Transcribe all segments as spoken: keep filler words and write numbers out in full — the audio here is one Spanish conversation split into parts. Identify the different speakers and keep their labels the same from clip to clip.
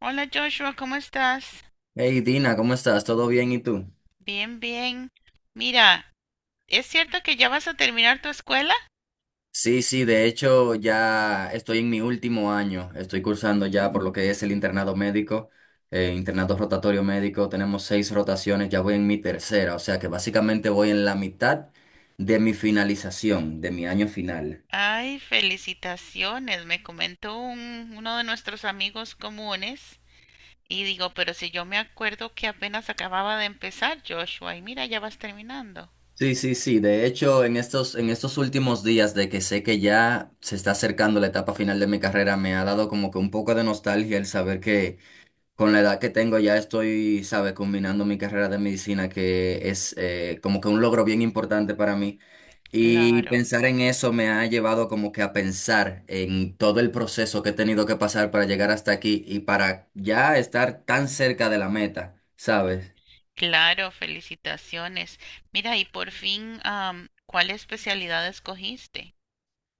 Speaker 1: Hola Joshua, ¿cómo estás?
Speaker 2: Hey Dina, ¿cómo estás? ¿Todo bien? ¿Y tú?
Speaker 1: Bien, bien. Mira, ¿es cierto que ya vas a terminar tu escuela?
Speaker 2: Sí, sí, de hecho ya estoy en mi último año, estoy cursando ya por lo que es el internado médico, eh, internado rotatorio médico, tenemos seis rotaciones, ya voy en mi tercera, o sea que básicamente voy en la mitad de mi finalización, de mi año final.
Speaker 1: Ay, felicitaciones, me comentó un- uno de nuestros amigos comunes. Y digo, pero si yo me acuerdo que apenas acababa de empezar, Joshua, y mira, ya vas terminando.
Speaker 2: Sí, sí, sí, de hecho en estos, en estos últimos días de que sé que ya se está acercando la etapa final de mi carrera, me ha dado como que un poco de nostalgia el saber que con la edad que tengo ya estoy, sabe, combinando mi carrera de medicina, que es eh, como que un logro bien importante para mí. Y
Speaker 1: Claro,
Speaker 2: pensar en eso me ha llevado como que a pensar en todo el proceso que he tenido que pasar para llegar hasta aquí y para ya estar tan cerca de la meta, ¿sabes?
Speaker 1: claro, felicitaciones. Mira, y por fin, am, ¿cuál especialidad escogiste?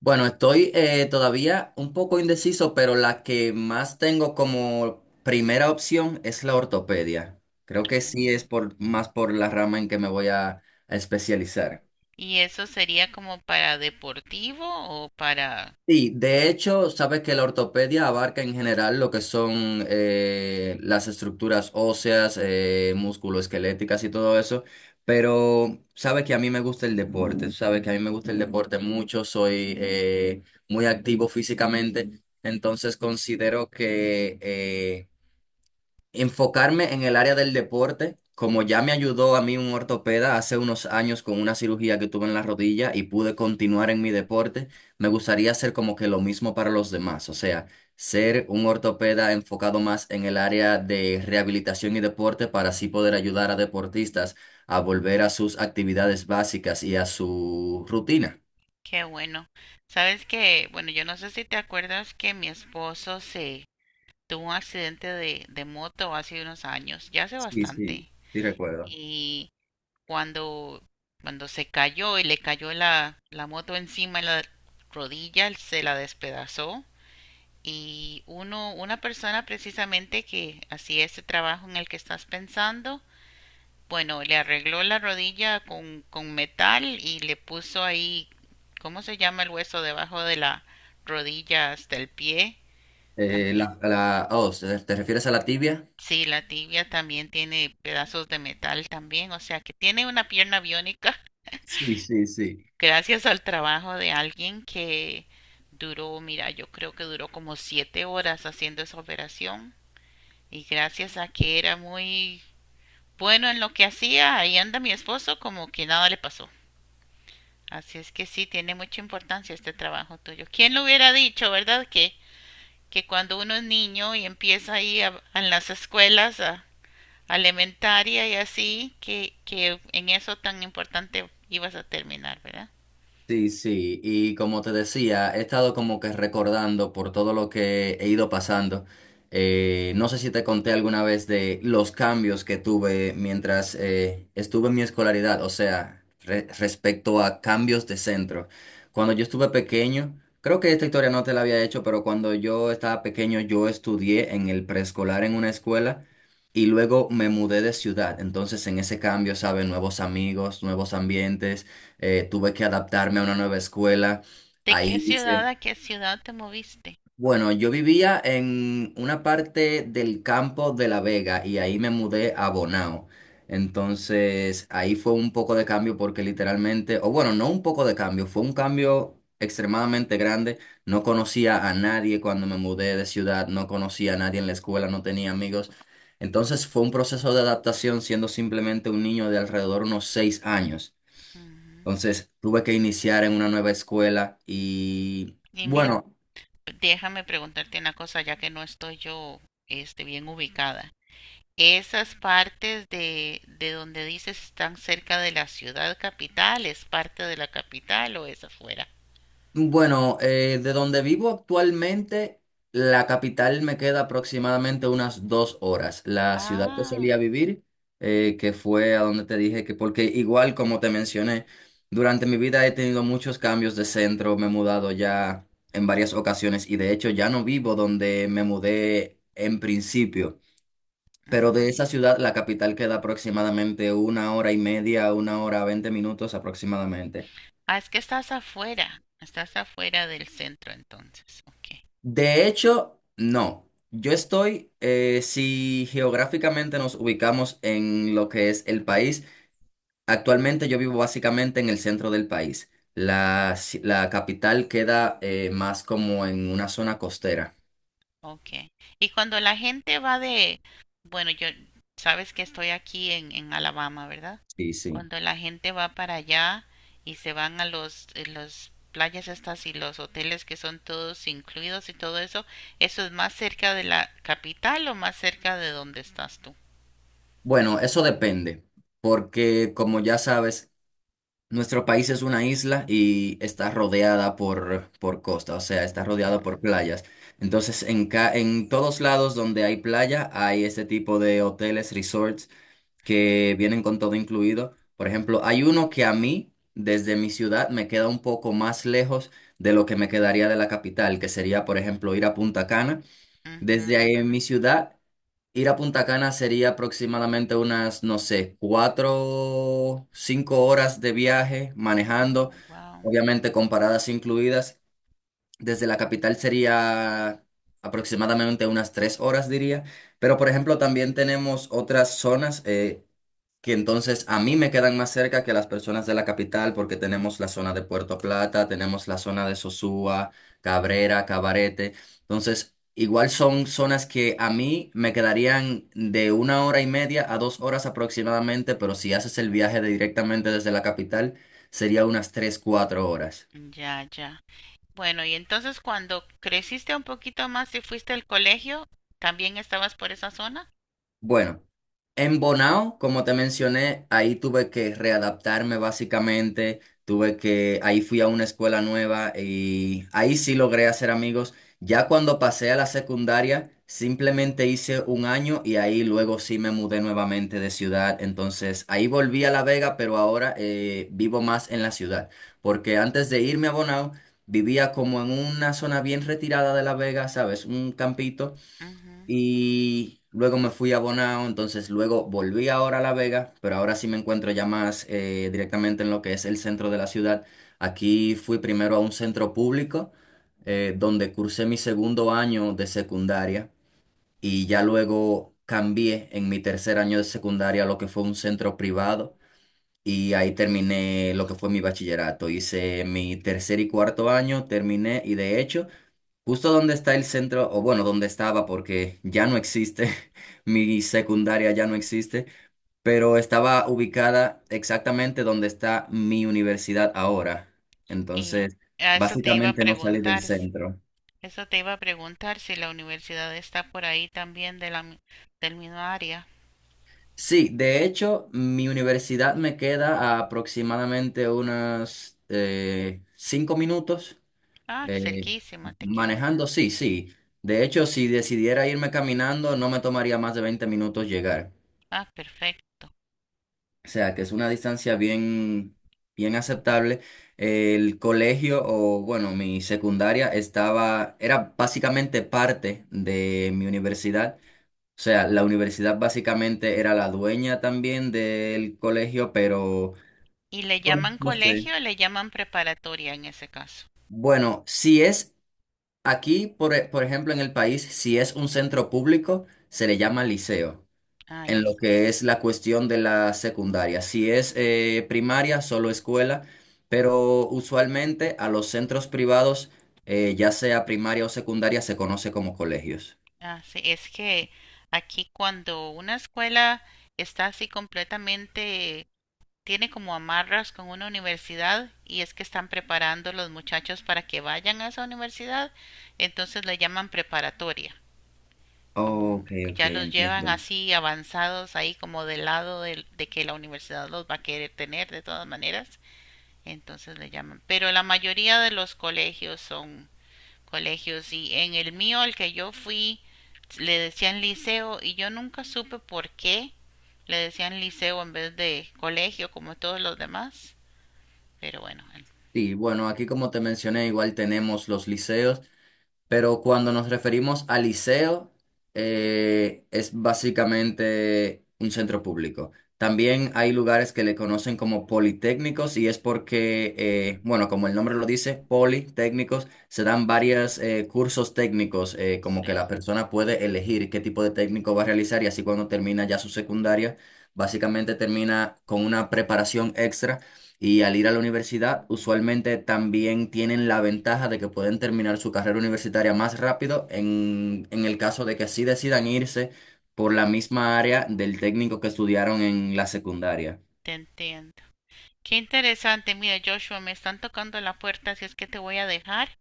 Speaker 2: Bueno, estoy eh, todavía un poco indeciso, pero la que más tengo como primera opción es la ortopedia. Creo que sí es
Speaker 1: Ah.
Speaker 2: por, más por la rama en que me voy a a especializar.
Speaker 1: ¿Y eso sería como para deportivo o para
Speaker 2: Sí, de hecho, sabes que la ortopedia abarca en general lo que son eh, las estructuras óseas, eh, musculoesqueléticas y todo eso, pero sabes que a mí me gusta el deporte, sabes que a mí me gusta el deporte mucho, soy eh, muy activo físicamente, entonces considero que eh, enfocarme en el área del deporte, como ya me ayudó a mí un ortopeda hace unos años con una cirugía que tuve en la rodilla y pude continuar en mi deporte, me gustaría hacer como que lo mismo para los demás, o sea, ser un ortopeda enfocado más en el área de rehabilitación y deporte para así poder ayudar a deportistas a volver a sus actividades básicas y a su rutina.
Speaker 1: qué bueno? Sabes que, bueno, yo no sé si te acuerdas que mi esposo se tuvo un accidente de, de moto hace unos años, ya hace
Speaker 2: Sí, sí,
Speaker 1: bastante.
Speaker 2: sí recuerdo.
Speaker 1: Y cuando, cuando se cayó y le cayó la, la moto encima en la rodilla, él se la despedazó. Y uno, una persona precisamente que hacía ese trabajo en el que estás pensando, bueno, le arregló la rodilla con, con metal y le puso ahí, ¿cómo se llama el hueso debajo de la rodilla hasta el pie?
Speaker 2: Eh,
Speaker 1: También.
Speaker 2: la, la, oh, ¿te te refieres a la tibia?
Speaker 1: Sí, la tibia también tiene pedazos de metal también, o sea que tiene una pierna biónica
Speaker 2: Sí, sí, sí.
Speaker 1: gracias al trabajo de alguien que duró, mira, yo creo que duró como siete horas haciendo esa operación y gracias a que era muy bueno en lo que hacía, ahí anda mi esposo como que nada le pasó. Así es que sí, tiene mucha importancia este trabajo tuyo. ¿Quién lo hubiera dicho, verdad? Que, que cuando uno es niño y empieza ahí a- en las escuelas, a, a elementaria y así, que, que en eso tan importante ibas a terminar, ¿verdad?
Speaker 2: Sí, sí, y como te decía, he estado como que recordando por todo lo que he ido pasando. Eh, no sé si te conté alguna vez de los cambios que tuve mientras eh, estuve en mi escolaridad, o sea, re- respecto a cambios de centro. Cuando yo estuve pequeño, creo que esta historia no te la había hecho, pero cuando yo estaba pequeño yo estudié en el preescolar en una escuela. Y luego me mudé de ciudad, entonces en ese cambio, ¿sabes? Nuevos amigos, nuevos ambientes, eh, tuve que adaptarme a una nueva escuela.
Speaker 1: ¿De qué
Speaker 2: Ahí
Speaker 1: ciudad
Speaker 2: hice,
Speaker 1: a qué ciudad te moviste?
Speaker 2: bueno, yo vivía en una parte del campo de La Vega y ahí me mudé a Bonao. Entonces, ahí fue un poco de cambio porque literalmente, o bueno, no un poco de cambio, fue un cambio extremadamente grande. No conocía a nadie cuando me mudé de ciudad, no conocía a nadie en la escuela, no tenía amigos. Entonces fue un proceso de adaptación siendo simplemente un niño de alrededor unos seis años.
Speaker 1: Ujú.
Speaker 2: Entonces tuve que iniciar en una nueva escuela y
Speaker 1: Y mira,
Speaker 2: bueno,
Speaker 1: déjame preguntarte una cosa, ya que no estoy yo, este, bien ubicada. Esas partes de, de donde dices están cerca de la ciudad capital, ¿es parte de la capital o es afuera?
Speaker 2: bueno, eh, de donde vivo actualmente, la capital me queda aproximadamente unas dos horas. La ciudad que
Speaker 1: Ah,
Speaker 2: solía vivir, eh, que fue a donde te dije que, porque igual como te mencioné, durante mi vida he tenido muchos cambios de centro, me he mudado ya en varias ocasiones y de hecho ya no vivo donde me mudé en principio. Pero de esa
Speaker 1: mm.
Speaker 2: ciudad, la capital queda aproximadamente una hora y media, una hora, veinte minutos aproximadamente.
Speaker 1: Ah, es que estás afuera, estás afuera del centro entonces, ok.
Speaker 2: De hecho, no. Yo estoy, eh, si geográficamente nos ubicamos en lo que es el país, actualmente yo vivo básicamente en el centro del país. La, ci- la capital queda eh, más como en una zona costera.
Speaker 1: Okay. Y cuando la gente va de, bueno, yo sabes que estoy aquí en, en Alabama, ¿verdad?
Speaker 2: Sí, sí.
Speaker 1: Cuando la gente va para allá y se van a los, eh, los playas estas y los hoteles que son todos incluidos y todo eso, ¿eso es más cerca de la capital o más cerca de donde estás tú?
Speaker 2: Bueno, eso depende, porque como ya sabes, nuestro país es una isla y está rodeada por, por costa, o sea, está rodeada por
Speaker 1: Ujú,
Speaker 2: playas. Entonces, en, ca- en todos lados donde hay playa, hay este tipo de hoteles, resorts, que vienen con todo incluido. Por ejemplo, hay uno que a mí, desde mi ciudad, me queda un poco más lejos de lo que me quedaría de la capital, que sería, por ejemplo, ir a Punta Cana.
Speaker 1: ujú,
Speaker 2: Desde ahí en
Speaker 1: ujú.
Speaker 2: mi ciudad. Ir a Punta Cana sería aproximadamente unas, no sé, cuatro, cinco horas de viaje
Speaker 1: Oh,
Speaker 2: manejando,
Speaker 1: wow.
Speaker 2: obviamente con paradas incluidas. Desde la capital sería aproximadamente unas tres horas, diría. Pero, por ejemplo, también tenemos otras zonas, eh, que entonces a mí me quedan más cerca que las personas de la capital porque tenemos la zona de Puerto Plata, tenemos la zona de Sosúa, Cabrera, Cabarete. Entonces, igual son zonas que a mí me quedarían de una hora y media a dos horas aproximadamente, pero si haces el viaje de directamente desde la capital, sería unas tres, cuatro horas.
Speaker 1: Ya, ya. Bueno, y entonces cuando creciste un poquito más y fuiste al colegio, ¿también estabas por esa zona?
Speaker 2: Bueno. En Bonao, como te mencioné, ahí tuve que readaptarme básicamente, tuve que, ahí fui a una escuela nueva y ahí sí logré hacer amigos. Ya cuando pasé a la secundaria, simplemente hice un año y ahí luego sí me mudé nuevamente de ciudad. Entonces ahí volví a La Vega, pero ahora eh, vivo más en la ciudad, porque antes de irme a Bonao, vivía como en una zona bien retirada de La Vega, ¿sabes? Un campito. Y luego me fui a Bonao, entonces luego volví ahora a La Vega, pero ahora sí me encuentro ya más eh, directamente en lo que es el centro de la ciudad. Aquí fui primero a un centro público, eh, donde cursé mi segundo año de secundaria y ya luego cambié en mi tercer año de secundaria a lo que fue un centro privado y ahí terminé lo que fue mi bachillerato. Hice mi tercer y cuarto año, terminé y de hecho. Justo donde está el centro, o bueno, donde estaba, porque ya no existe, mi secundaria ya no existe, pero estaba ubicada exactamente donde está mi universidad ahora.
Speaker 1: Y
Speaker 2: Entonces,
Speaker 1: a eso te iba a
Speaker 2: básicamente no salí del
Speaker 1: preguntar, s-
Speaker 2: centro.
Speaker 1: eso te iba a preguntar si la universidad está por ahí también de la, mi- del mismo área.
Speaker 2: Sí, de hecho, mi universidad me queda a aproximadamente unos eh, cinco minutos
Speaker 1: Ah,
Speaker 2: eh,
Speaker 1: cerquísima te queda.
Speaker 2: manejando, sí, sí. De hecho, si decidiera irme caminando, no me tomaría más de veinte minutos llegar.
Speaker 1: Ah, perfecto.
Speaker 2: O sea, que es una distancia bien, bien aceptable. El colegio, o bueno, mi secundaria estaba, era básicamente parte de mi universidad. O sea, la universidad básicamente era la dueña también del colegio, pero
Speaker 1: ¿Y le
Speaker 2: bueno,
Speaker 1: llaman
Speaker 2: no sé.
Speaker 1: colegio o le llaman preparatoria en ese caso?
Speaker 2: Bueno, si es aquí, por, e- por ejemplo, en el país, si es un centro público, se le llama liceo.
Speaker 1: Ah,
Speaker 2: En lo
Speaker 1: liceo.
Speaker 2: que es la cuestión de la secundaria. Si es eh, primaria, solo escuela, pero usualmente a los centros privados, eh, ya sea primaria o secundaria, se conoce como colegios.
Speaker 1: Ah, sí, es que aquí cuando una escuela está así completamente, tiene como amarras con una universidad y es que están preparando los muchachos para que vayan a esa universidad, entonces le llaman preparatoria. Como
Speaker 2: Ok, ok,
Speaker 1: ya los llevan
Speaker 2: entiendo.
Speaker 1: así avanzados ahí como del lado de, de que la universidad los va a querer tener de todas maneras, entonces le llaman. Pero la mayoría de los colegios son colegios y en el mío al que yo fui le decían liceo y yo nunca supe por qué le decían liceo en vez de colegio como todos los demás. Pero bueno,
Speaker 2: Sí, bueno, aquí como te mencioné, igual tenemos los liceos. Pero cuando nos referimos a liceo, eh, es básicamente un centro público. También hay lugares que le conocen como politécnicos y es porque, eh, bueno, como el nombre lo dice, politécnicos, se dan varios cursos técnicos, eh, como que
Speaker 1: sí,
Speaker 2: la persona puede elegir qué tipo de técnico va a realizar y así cuando termina ya su secundaria, básicamente termina con una preparación extra y al ir a la universidad, usualmente también tienen la ventaja de que pueden terminar su carrera universitaria más rápido en, en, el caso de que sí decidan irse por la misma área del técnico que estudiaron en la secundaria.
Speaker 1: te entiendo. Qué interesante, mira Joshua, me están tocando la puerta, así es que te voy a dejar.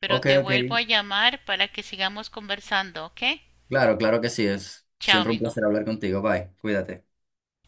Speaker 1: Pero
Speaker 2: Ok,
Speaker 1: te
Speaker 2: ok.
Speaker 1: vuelvo a llamar para que sigamos conversando, ¿ok?
Speaker 2: Claro, claro que sí es.
Speaker 1: Chao,
Speaker 2: Siempre un
Speaker 1: amigo.
Speaker 2: placer hablar contigo. Bye. Cuídate.